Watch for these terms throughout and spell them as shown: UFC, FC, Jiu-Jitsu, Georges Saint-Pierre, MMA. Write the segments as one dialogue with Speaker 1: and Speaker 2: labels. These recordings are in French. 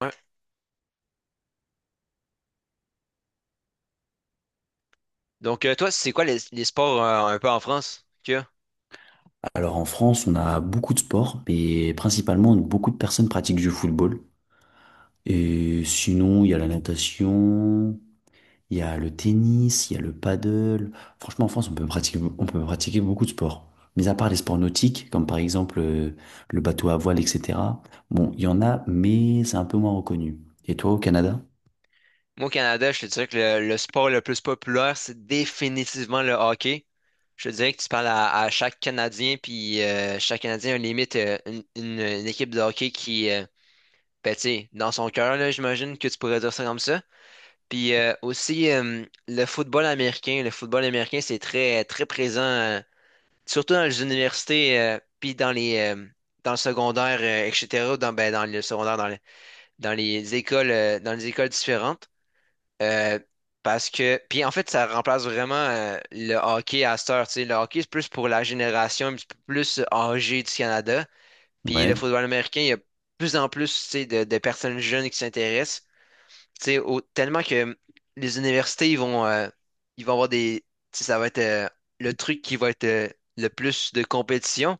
Speaker 1: Ouais. Donc, toi, c'est quoi les sports un peu en France qu'il y a?
Speaker 2: Alors en France, on a beaucoup de sports, mais principalement beaucoup de personnes pratiquent du football. Et sinon, il y a la natation, il y a le tennis, il y a le paddle. Franchement, en France, on peut pratiquer beaucoup de sports. Mais à part les sports nautiques, comme par exemple le bateau à voile, etc. Bon, il y en a, mais c'est un peu moins reconnu. Et toi, au Canada?
Speaker 1: Moi, au Canada, je te dirais que le sport le plus populaire, c'est définitivement le hockey. Je te dirais que tu parles à chaque Canadien, puis chaque Canadien a limite une équipe de hockey qui, ben, tu sais, dans son cœur, là, j'imagine que tu pourrais dire ça comme ça. Puis aussi, le football américain. Le football américain, c'est très, très présent, surtout dans les universités, puis dans les, dans le secondaire, etc., dans, ben, dans le secondaire, dans les écoles différentes. euh, Parce que, puis en fait, ça remplace vraiment le hockey à cette heure, tu sais. Le hockey, c'est plus pour la génération un petit peu plus âgée du Canada. Puis le
Speaker 2: Ouais.
Speaker 1: football américain, il y a de plus en plus, tu sais, de personnes jeunes qui s'intéressent. Tu sais, tellement que les universités, ils vont avoir des. Tu sais, ça va être le truc qui va être le plus de compétition.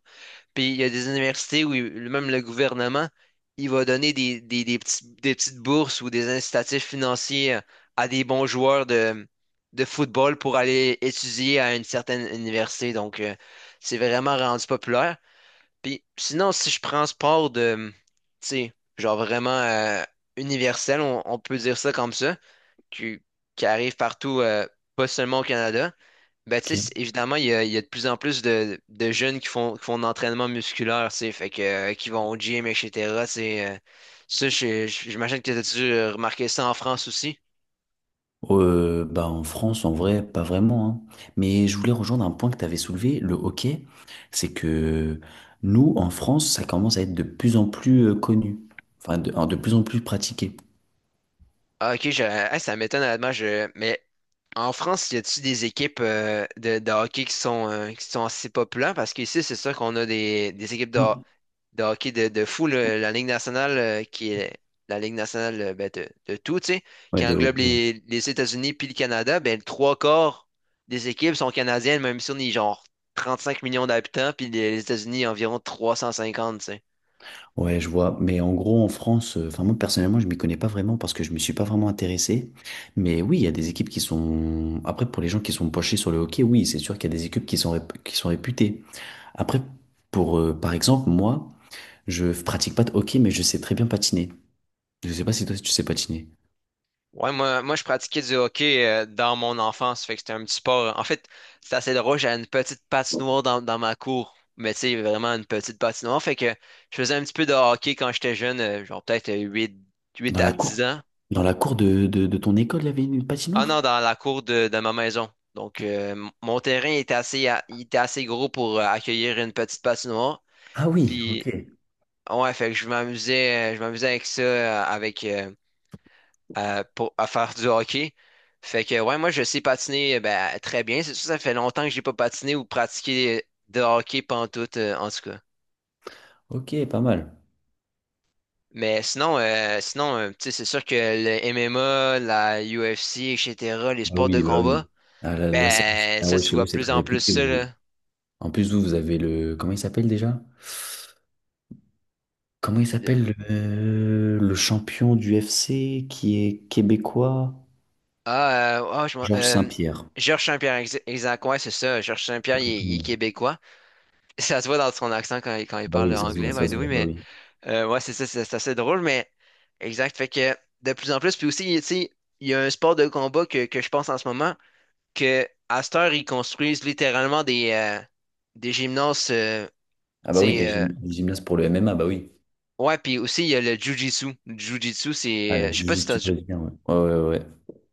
Speaker 1: Puis il y a des universités où même le gouvernement, il va donner des petites bourses ou des incitatifs financiers à des bons joueurs de football pour aller étudier à une certaine université. Donc, c'est vraiment rendu populaire. Puis sinon, si je prends sport de, tu sais, genre vraiment universel, on peut dire ça comme ça, qui, qui arrive partout, pas seulement au Canada. Ben, tu sais,
Speaker 2: Ok.
Speaker 1: évidemment, il y a de plus en plus de jeunes qui font de l'entraînement musculaire, tu sais, fait que, qui vont au gym, etc. C'est, ça, j'imagine que tu dû remarquer ça en France aussi.
Speaker 2: Bah en France, en vrai, pas vraiment, hein. Mais je voulais rejoindre un point que tu avais soulevé, le hockey. C'est que nous, en France, ça commence à être de plus en plus connu. Enfin, de plus en plus pratiqué.
Speaker 1: Ah, ok, hey, ça m'étonne, honnêtement, mais en France, y a t il des équipes de hockey qui sont assez populaires? Parce qu'ici, c'est sûr qu'on a des équipes de,
Speaker 2: Oui.
Speaker 1: de hockey de fou, là, la Ligue nationale, qui est la Ligue nationale ben, de tout, tu sais,
Speaker 2: Ouais,
Speaker 1: qui
Speaker 2: de
Speaker 1: englobe
Speaker 2: hockey. Ouais.
Speaker 1: les États-Unis puis le Canada, ben, le trois quarts des équipes sont canadiennes, même si on est genre 35 millions d'habitants, puis les États-Unis environ 350, tu sais.
Speaker 2: Ouais, je vois. Mais en gros, en France, enfin, moi, personnellement, je m'y connais pas vraiment parce que je me suis pas vraiment intéressé. Mais oui, il y a des équipes qui sont. Après, pour les gens qui sont penchés sur le hockey, oui, c'est sûr qu'il y a des équipes qui sont, qui sont réputées. Après, pour, par exemple, moi. Je pratique pas de hockey, mais je sais très bien patiner. Je sais pas si toi tu sais patiner.
Speaker 1: Ouais, moi, je pratiquais du hockey dans mon enfance, fait que c'était un petit sport. En fait, c'est assez drôle, j'avais une petite patinoire dans ma cour, mais tu sais, vraiment une petite patinoire, fait que je faisais un petit peu de hockey quand j'étais jeune, genre peut-être huit
Speaker 2: Dans
Speaker 1: à
Speaker 2: la
Speaker 1: 10
Speaker 2: cour,
Speaker 1: ans.
Speaker 2: dans la cour de, de ton école, il y avait une
Speaker 1: Ah
Speaker 2: patinoire?
Speaker 1: non, dans la cour de ma maison. Donc, mon terrain était assez, il était assez gros pour accueillir une petite patinoire.
Speaker 2: Ah oui, ok.
Speaker 1: Puis, ouais, fait que je m'amusais avec ça, avec, pour, à faire du hockey. Fait que, ouais, moi, je sais patiner, ben, très bien. C'est sûr, ça fait longtemps que j'ai pas patiné ou pratiqué de hockey pantoute, en tout cas.
Speaker 2: Ok, pas mal.
Speaker 1: Mais sinon, tu sais, c'est sûr que le MMA, la UFC, etc., les
Speaker 2: Bah
Speaker 1: sports de
Speaker 2: oui, bah
Speaker 1: combat,
Speaker 2: oui. Ah, là, là, ça-
Speaker 1: ben,
Speaker 2: Ah
Speaker 1: ça,
Speaker 2: ouais,
Speaker 1: tu
Speaker 2: chez vous,
Speaker 1: vois
Speaker 2: c'est
Speaker 1: plus
Speaker 2: très
Speaker 1: en plus
Speaker 2: réputé,
Speaker 1: ça, là.
Speaker 2: vous. En plus, vous, vous avez le... Comment il s'appelle déjà? Comment il s'appelle le champion du FC qui est québécois?
Speaker 1: Ah, ah,
Speaker 2: Georges Saint-Pierre.
Speaker 1: Georges Saint-Pierre, exact, ouais, c'est ça. Georges Saint-Pierre,
Speaker 2: Très
Speaker 1: il est
Speaker 2: connu.
Speaker 1: québécois. Ça se voit dans son accent quand il
Speaker 2: Bah
Speaker 1: parle
Speaker 2: oui,
Speaker 1: anglais, by
Speaker 2: ça
Speaker 1: the
Speaker 2: se
Speaker 1: way,
Speaker 2: voit, bah
Speaker 1: mais
Speaker 2: oui.
Speaker 1: ouais, c'est ça, c'est assez drôle, mais exact. Fait que de plus en plus, puis aussi, tu sais, il y a un sport de combat que je pense en ce moment, que à cette heure, ils construisent littéralement des gymnases,
Speaker 2: Ah
Speaker 1: tu
Speaker 2: bah oui,
Speaker 1: sais,
Speaker 2: des, des gymnastes pour le MMA, bah oui.
Speaker 1: ouais, puis aussi, il y a le Jiu-Jitsu. Le Jiu-Jitsu,
Speaker 2: Ah,
Speaker 1: c'est,
Speaker 2: le
Speaker 1: je sais pas si t'as,
Speaker 2: jiu-jitsu
Speaker 1: déjà-
Speaker 2: brésilien, ouais. Ouais, ouais, ouais.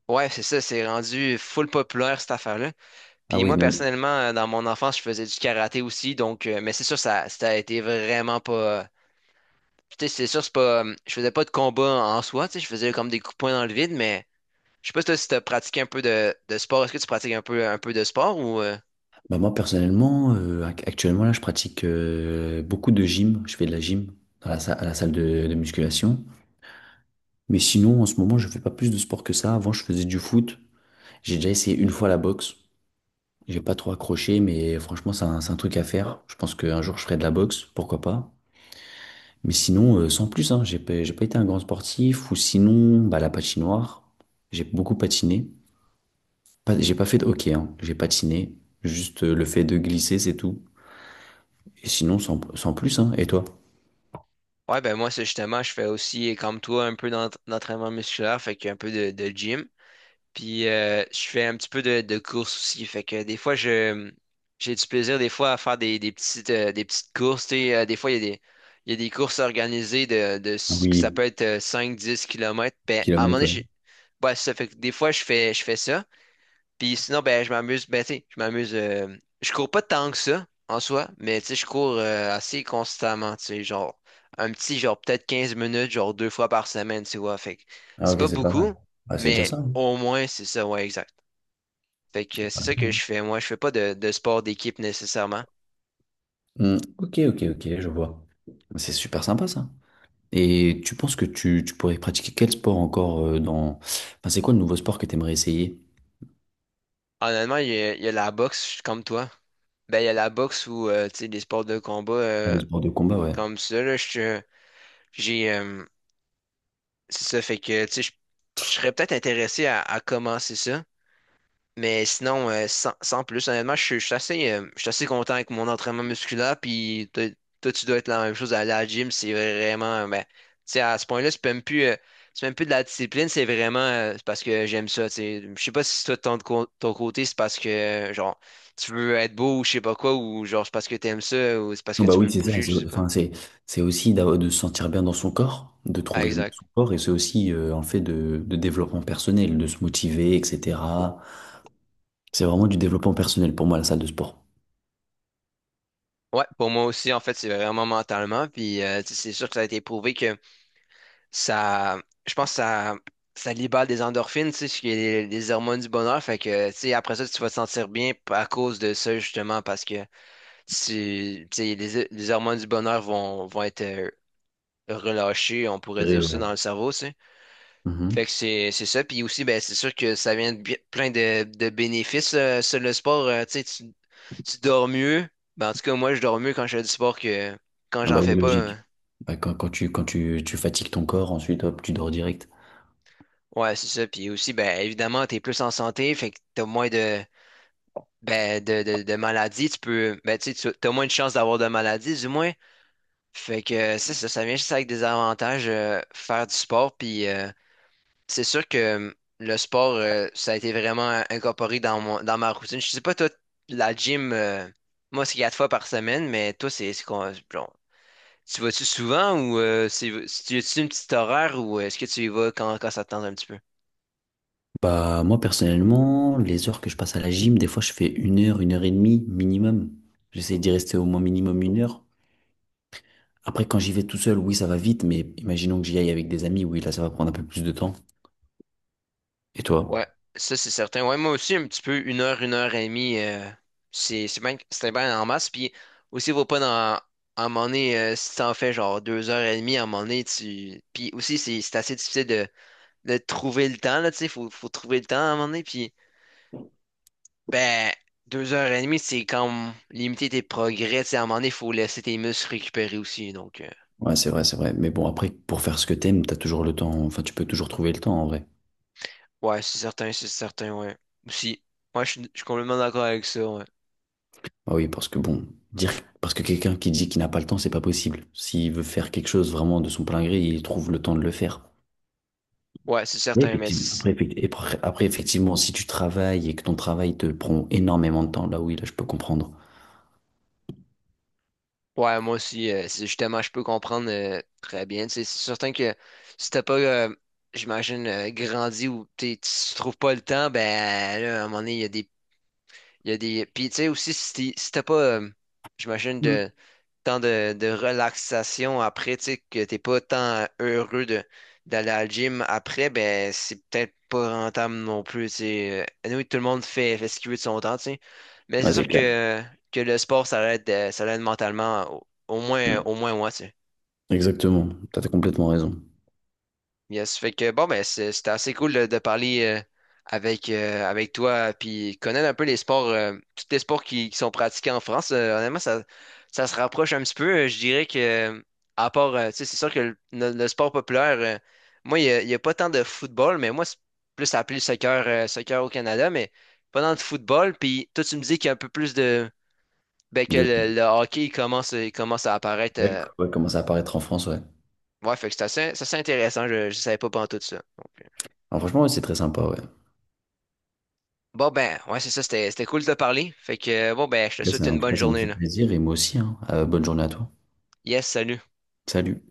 Speaker 1: ouais, c'est ça, c'est rendu full populaire, cette affaire-là.
Speaker 2: Ah
Speaker 1: Puis
Speaker 2: oui,
Speaker 1: moi,
Speaker 2: ne-
Speaker 1: personnellement, dans mon enfance, je faisais du karaté aussi, donc, mais c'est sûr, ça a été vraiment pas. Tu sais, c'est sûr, c'est pas. Je faisais pas de combat en soi, tu sais, je faisais comme des coups de poing dans le vide, mais je sais pas si toi, si t'as pratiqué un peu de sport. Est-ce que tu pratiques un peu de sport ou.
Speaker 2: Bah moi personnellement, actuellement là, je pratique beaucoup de gym. Je fais de la gym dans la à la salle de musculation. Mais sinon, en ce moment, je fais pas plus de sport que ça. Avant, je faisais du foot. J'ai déjà essayé une fois la boxe. J'ai pas trop accroché, mais franchement, c'est un truc à faire. Je pense qu'un jour, je ferai de la boxe, pourquoi pas. Mais sinon, sans plus, hein, j'ai pas été un grand sportif. Ou sinon, bah, la patinoire. J'ai beaucoup patiné. Pas- j'ai pas fait de hockey, hein. J'ai patiné. Juste le fait de glisser, c'est tout. Et sinon, sans plus, hein. Et toi?
Speaker 1: Ouais, ben moi, c'est justement, je fais aussi, comme toi, un peu d'entraînement musculaire, fait qu'un peu de gym. Puis je fais un petit peu de course aussi. Fait que des fois, je j'ai du plaisir des fois à faire des petites courses, tu sais. Des fois, il y a des courses organisées de
Speaker 2: Ah
Speaker 1: ce que ça
Speaker 2: oui,
Speaker 1: peut être 5, 10 kilomètres. Ben, à un moment
Speaker 2: kilomètres,
Speaker 1: donné,
Speaker 2: ouais.
Speaker 1: ouais, ça fait que des fois, je fais ça. Puis sinon, ben, je m'amuse. Ben, tu sais, je m'amuse. Je cours pas tant que ça, en soi, mais tu sais, je cours assez constamment, tu sais, genre, un petit, genre, peut-être 15 minutes, genre, deux fois par semaine, tu vois. Fait que
Speaker 2: Ah,
Speaker 1: c'est pas
Speaker 2: ok, c'est pas mal.
Speaker 1: beaucoup,
Speaker 2: Ah, c'est déjà
Speaker 1: mais
Speaker 2: ça, hein.
Speaker 1: au moins, c'est ça, ouais, exact. Fait que
Speaker 2: Ah,
Speaker 1: c'est ça que je
Speaker 2: bon.
Speaker 1: fais. Moi, je fais pas de sport d'équipe nécessairement.
Speaker 2: Hmm, ok, ok, ok, je vois. C'est super sympa, ça. Et tu penses que tu pourrais pratiquer quel sport encore dans... Enfin, c'est quoi le nouveau sport que tu aimerais essayer?
Speaker 1: Honnêtement, il y a la boxe, je suis comme toi. Ben, il y a la boxe ou, tu sais, des sports de combat
Speaker 2: Ah, le sport de combat, ouais.
Speaker 1: comme ça, là, j'ai, euh, c'est ça, fait que, tu sais, je serais peut-être intéressé à commencer ça. Mais sinon, sans plus, honnêtement, je suis assez content avec mon entraînement musculaire. Puis toi, tu dois être la même chose à la gym. C'est vraiment, ben, tu sais, à ce point-là, c'est même plus de la discipline. C'est vraiment, c'est parce que j'aime ça, tu sais. Je sais pas si toi, de ton côté, c'est parce que, genre, tu veux être beau ou je sais pas quoi, ou genre, c'est parce que t'aimes ça, ou c'est parce
Speaker 2: Oh,
Speaker 1: que
Speaker 2: bah
Speaker 1: tu
Speaker 2: oui,
Speaker 1: veux
Speaker 2: c'est ça.
Speaker 1: bouger,
Speaker 2: C'est,
Speaker 1: je sais pas.
Speaker 2: enfin, c'est aussi d'avoir- de se sentir bien dans son corps, de
Speaker 1: Ah,
Speaker 2: trouver
Speaker 1: exact.
Speaker 2: son corps, et c'est aussi un fait de développement personnel, de se motiver, etc. C'est vraiment du développement personnel pour moi, la salle de sport.
Speaker 1: Ouais, pour moi aussi, en fait, c'est vraiment mentalement. Puis, tu sais, c'est sûr que ça a été prouvé ça, je pense que ça libère des endorphines, tu sais, ce qui est les hormones du bonheur. Fait que, tu sais, après ça, tu vas te sentir bien à cause de ça, justement, parce que tu sais, les hormones du bonheur vont être relâchées, on
Speaker 2: Je
Speaker 1: pourrait dire ça,
Speaker 2: dirais.
Speaker 1: dans le cerveau, tu sais.
Speaker 2: Ouais.
Speaker 1: Fait que c'est ça. Puis aussi, ben, c'est sûr que ça vient plein de bénéfices, sur le sport. Tu sais, tu dors mieux. Ben, en tout cas, moi, je dors mieux quand je fais du sport que quand
Speaker 2: Ah
Speaker 1: j'en
Speaker 2: bah
Speaker 1: fais
Speaker 2: oui,
Speaker 1: pas,
Speaker 2: logique.
Speaker 1: hein.
Speaker 2: Bah, quand, quand tu fatigues ton corps, ensuite, hop, tu dors direct.
Speaker 1: Ouais, c'est ça. Puis aussi, ben, évidemment, t'es plus en santé, fait que t'as moins de ben, de maladie, tu peux. Ben, tu sais, tu as moins de chances d'avoir de maladie, du moins. Fait que c'est ça, ça vient juste avec des avantages, faire du sport. Puis c'est sûr que le sport, ça a été vraiment incorporé dans ma routine. Je sais pas, toi, la gym, moi, c'est quatre fois par semaine, mais toi, c'est quoi? Bon, tu vas-tu souvent ou c'est, tu as-tu une petite horaire ou est-ce que tu y vas quand ça te tente un petit peu?
Speaker 2: Bah, moi, personnellement, les heures que je passe à la gym, des fois, je fais une heure et demie minimum. J'essaie d'y rester au moins minimum une heure. Après, quand j'y vais tout seul, oui, ça va vite, mais imaginons que j'y aille avec des amis, oui, là, ça va prendre un peu plus de temps. Et toi?
Speaker 1: Ouais, ça c'est certain. Ouais, moi aussi, un petit peu, 1 heure, 1 heure et demie, c'est bien, c'était bien en masse. Puis aussi, vaut pas dans, à un moment donné, si t'en fais genre 2 heures et demie, à un moment donné, tu. Puis aussi, c'est assez difficile de trouver le temps, là, tu sais, faut trouver le temps à un moment donné. Puis, ben, 2 heures et demie, c'est comme limiter tes progrès, tu sais, à un moment donné, faut laisser tes muscles récupérer aussi. Donc,
Speaker 2: Ouais, c'est vrai, c'est vrai. Mais bon, après, pour faire ce que t'aimes, t'as toujours le temps. Enfin, tu peux toujours trouver le temps, en vrai.
Speaker 1: ouais, c'est certain, ouais. Aussi, moi, je suis complètement d'accord avec ça, ouais.
Speaker 2: Ah oui, parce que bon, dire, parce que quelqu'un qui dit qu'il n'a pas le temps, c'est pas possible. S'il veut faire quelque chose vraiment de son plein gré, il trouve le temps de le faire.
Speaker 1: Ouais, c'est
Speaker 2: Oui,
Speaker 1: certain, mais
Speaker 2: effectivement.
Speaker 1: c'est.
Speaker 2: Après, après, effectivement, si tu travailles et que ton travail te prend énormément de temps, là oui, là je peux comprendre.
Speaker 1: Ouais, moi aussi, c'est justement, je peux comprendre très bien. Tu sais, c'est certain que si t'as pas, j'imagine, grandi ou tu trouves pas le temps, ben là, à un moment donné, il y a des. Il y a des... Puis tu sais aussi, si t'as pas, j'imagine,
Speaker 2: Mm.
Speaker 1: de tant de relaxation après, tu sais, que t'es pas tant heureux d'aller à la gym après, ben c'est peut-être pas rentable non plus, tu sais. Anyway, tout le monde fait ce qu'il veut de son temps, tu sais. Mais c'est
Speaker 2: Ouais,
Speaker 1: sûr
Speaker 2: c'est clair.
Speaker 1: que le sport, ça l'aide mentalement, au, au moins,
Speaker 2: Mm.
Speaker 1: au moins moi, tu sais.
Speaker 2: Exactement. T'as complètement raison.
Speaker 1: Yes, fait que bon, ben c'était assez cool de parler avec toi, puis connaître un peu les sports, tous les sports qui sont pratiqués en France. Honnêtement, ça se rapproche un petit peu. Je dirais que, à part, tu sais, c'est sûr que le sport populaire, moi, il y a pas tant de football, mais moi, c'est plus appelé soccer, soccer au Canada, mais pas tant de football. Puis toi, tu me dis qu'il y a un peu plus de. Ben, que
Speaker 2: De
Speaker 1: le hockey, il commence à apparaître.
Speaker 2: ouais, ouais, commencer à apparaître en France, ouais.
Speaker 1: Ouais, fait que c'est assez intéressant. Je ne savais pas pendant tout ça. Donc,
Speaker 2: Alors, franchement, ouais, c'est très sympa, ouais. En
Speaker 1: bon ben, ouais, c'est ça, c'était cool de te parler. Fait que bon ben, je te
Speaker 2: tout cas,
Speaker 1: souhaite
Speaker 2: ça, en
Speaker 1: une
Speaker 2: tout
Speaker 1: bonne
Speaker 2: cas, ça m'a
Speaker 1: journée
Speaker 2: fait
Speaker 1: là.
Speaker 2: plaisir et moi aussi, hein. Bonne journée à toi.
Speaker 1: Yes, salut.
Speaker 2: Salut.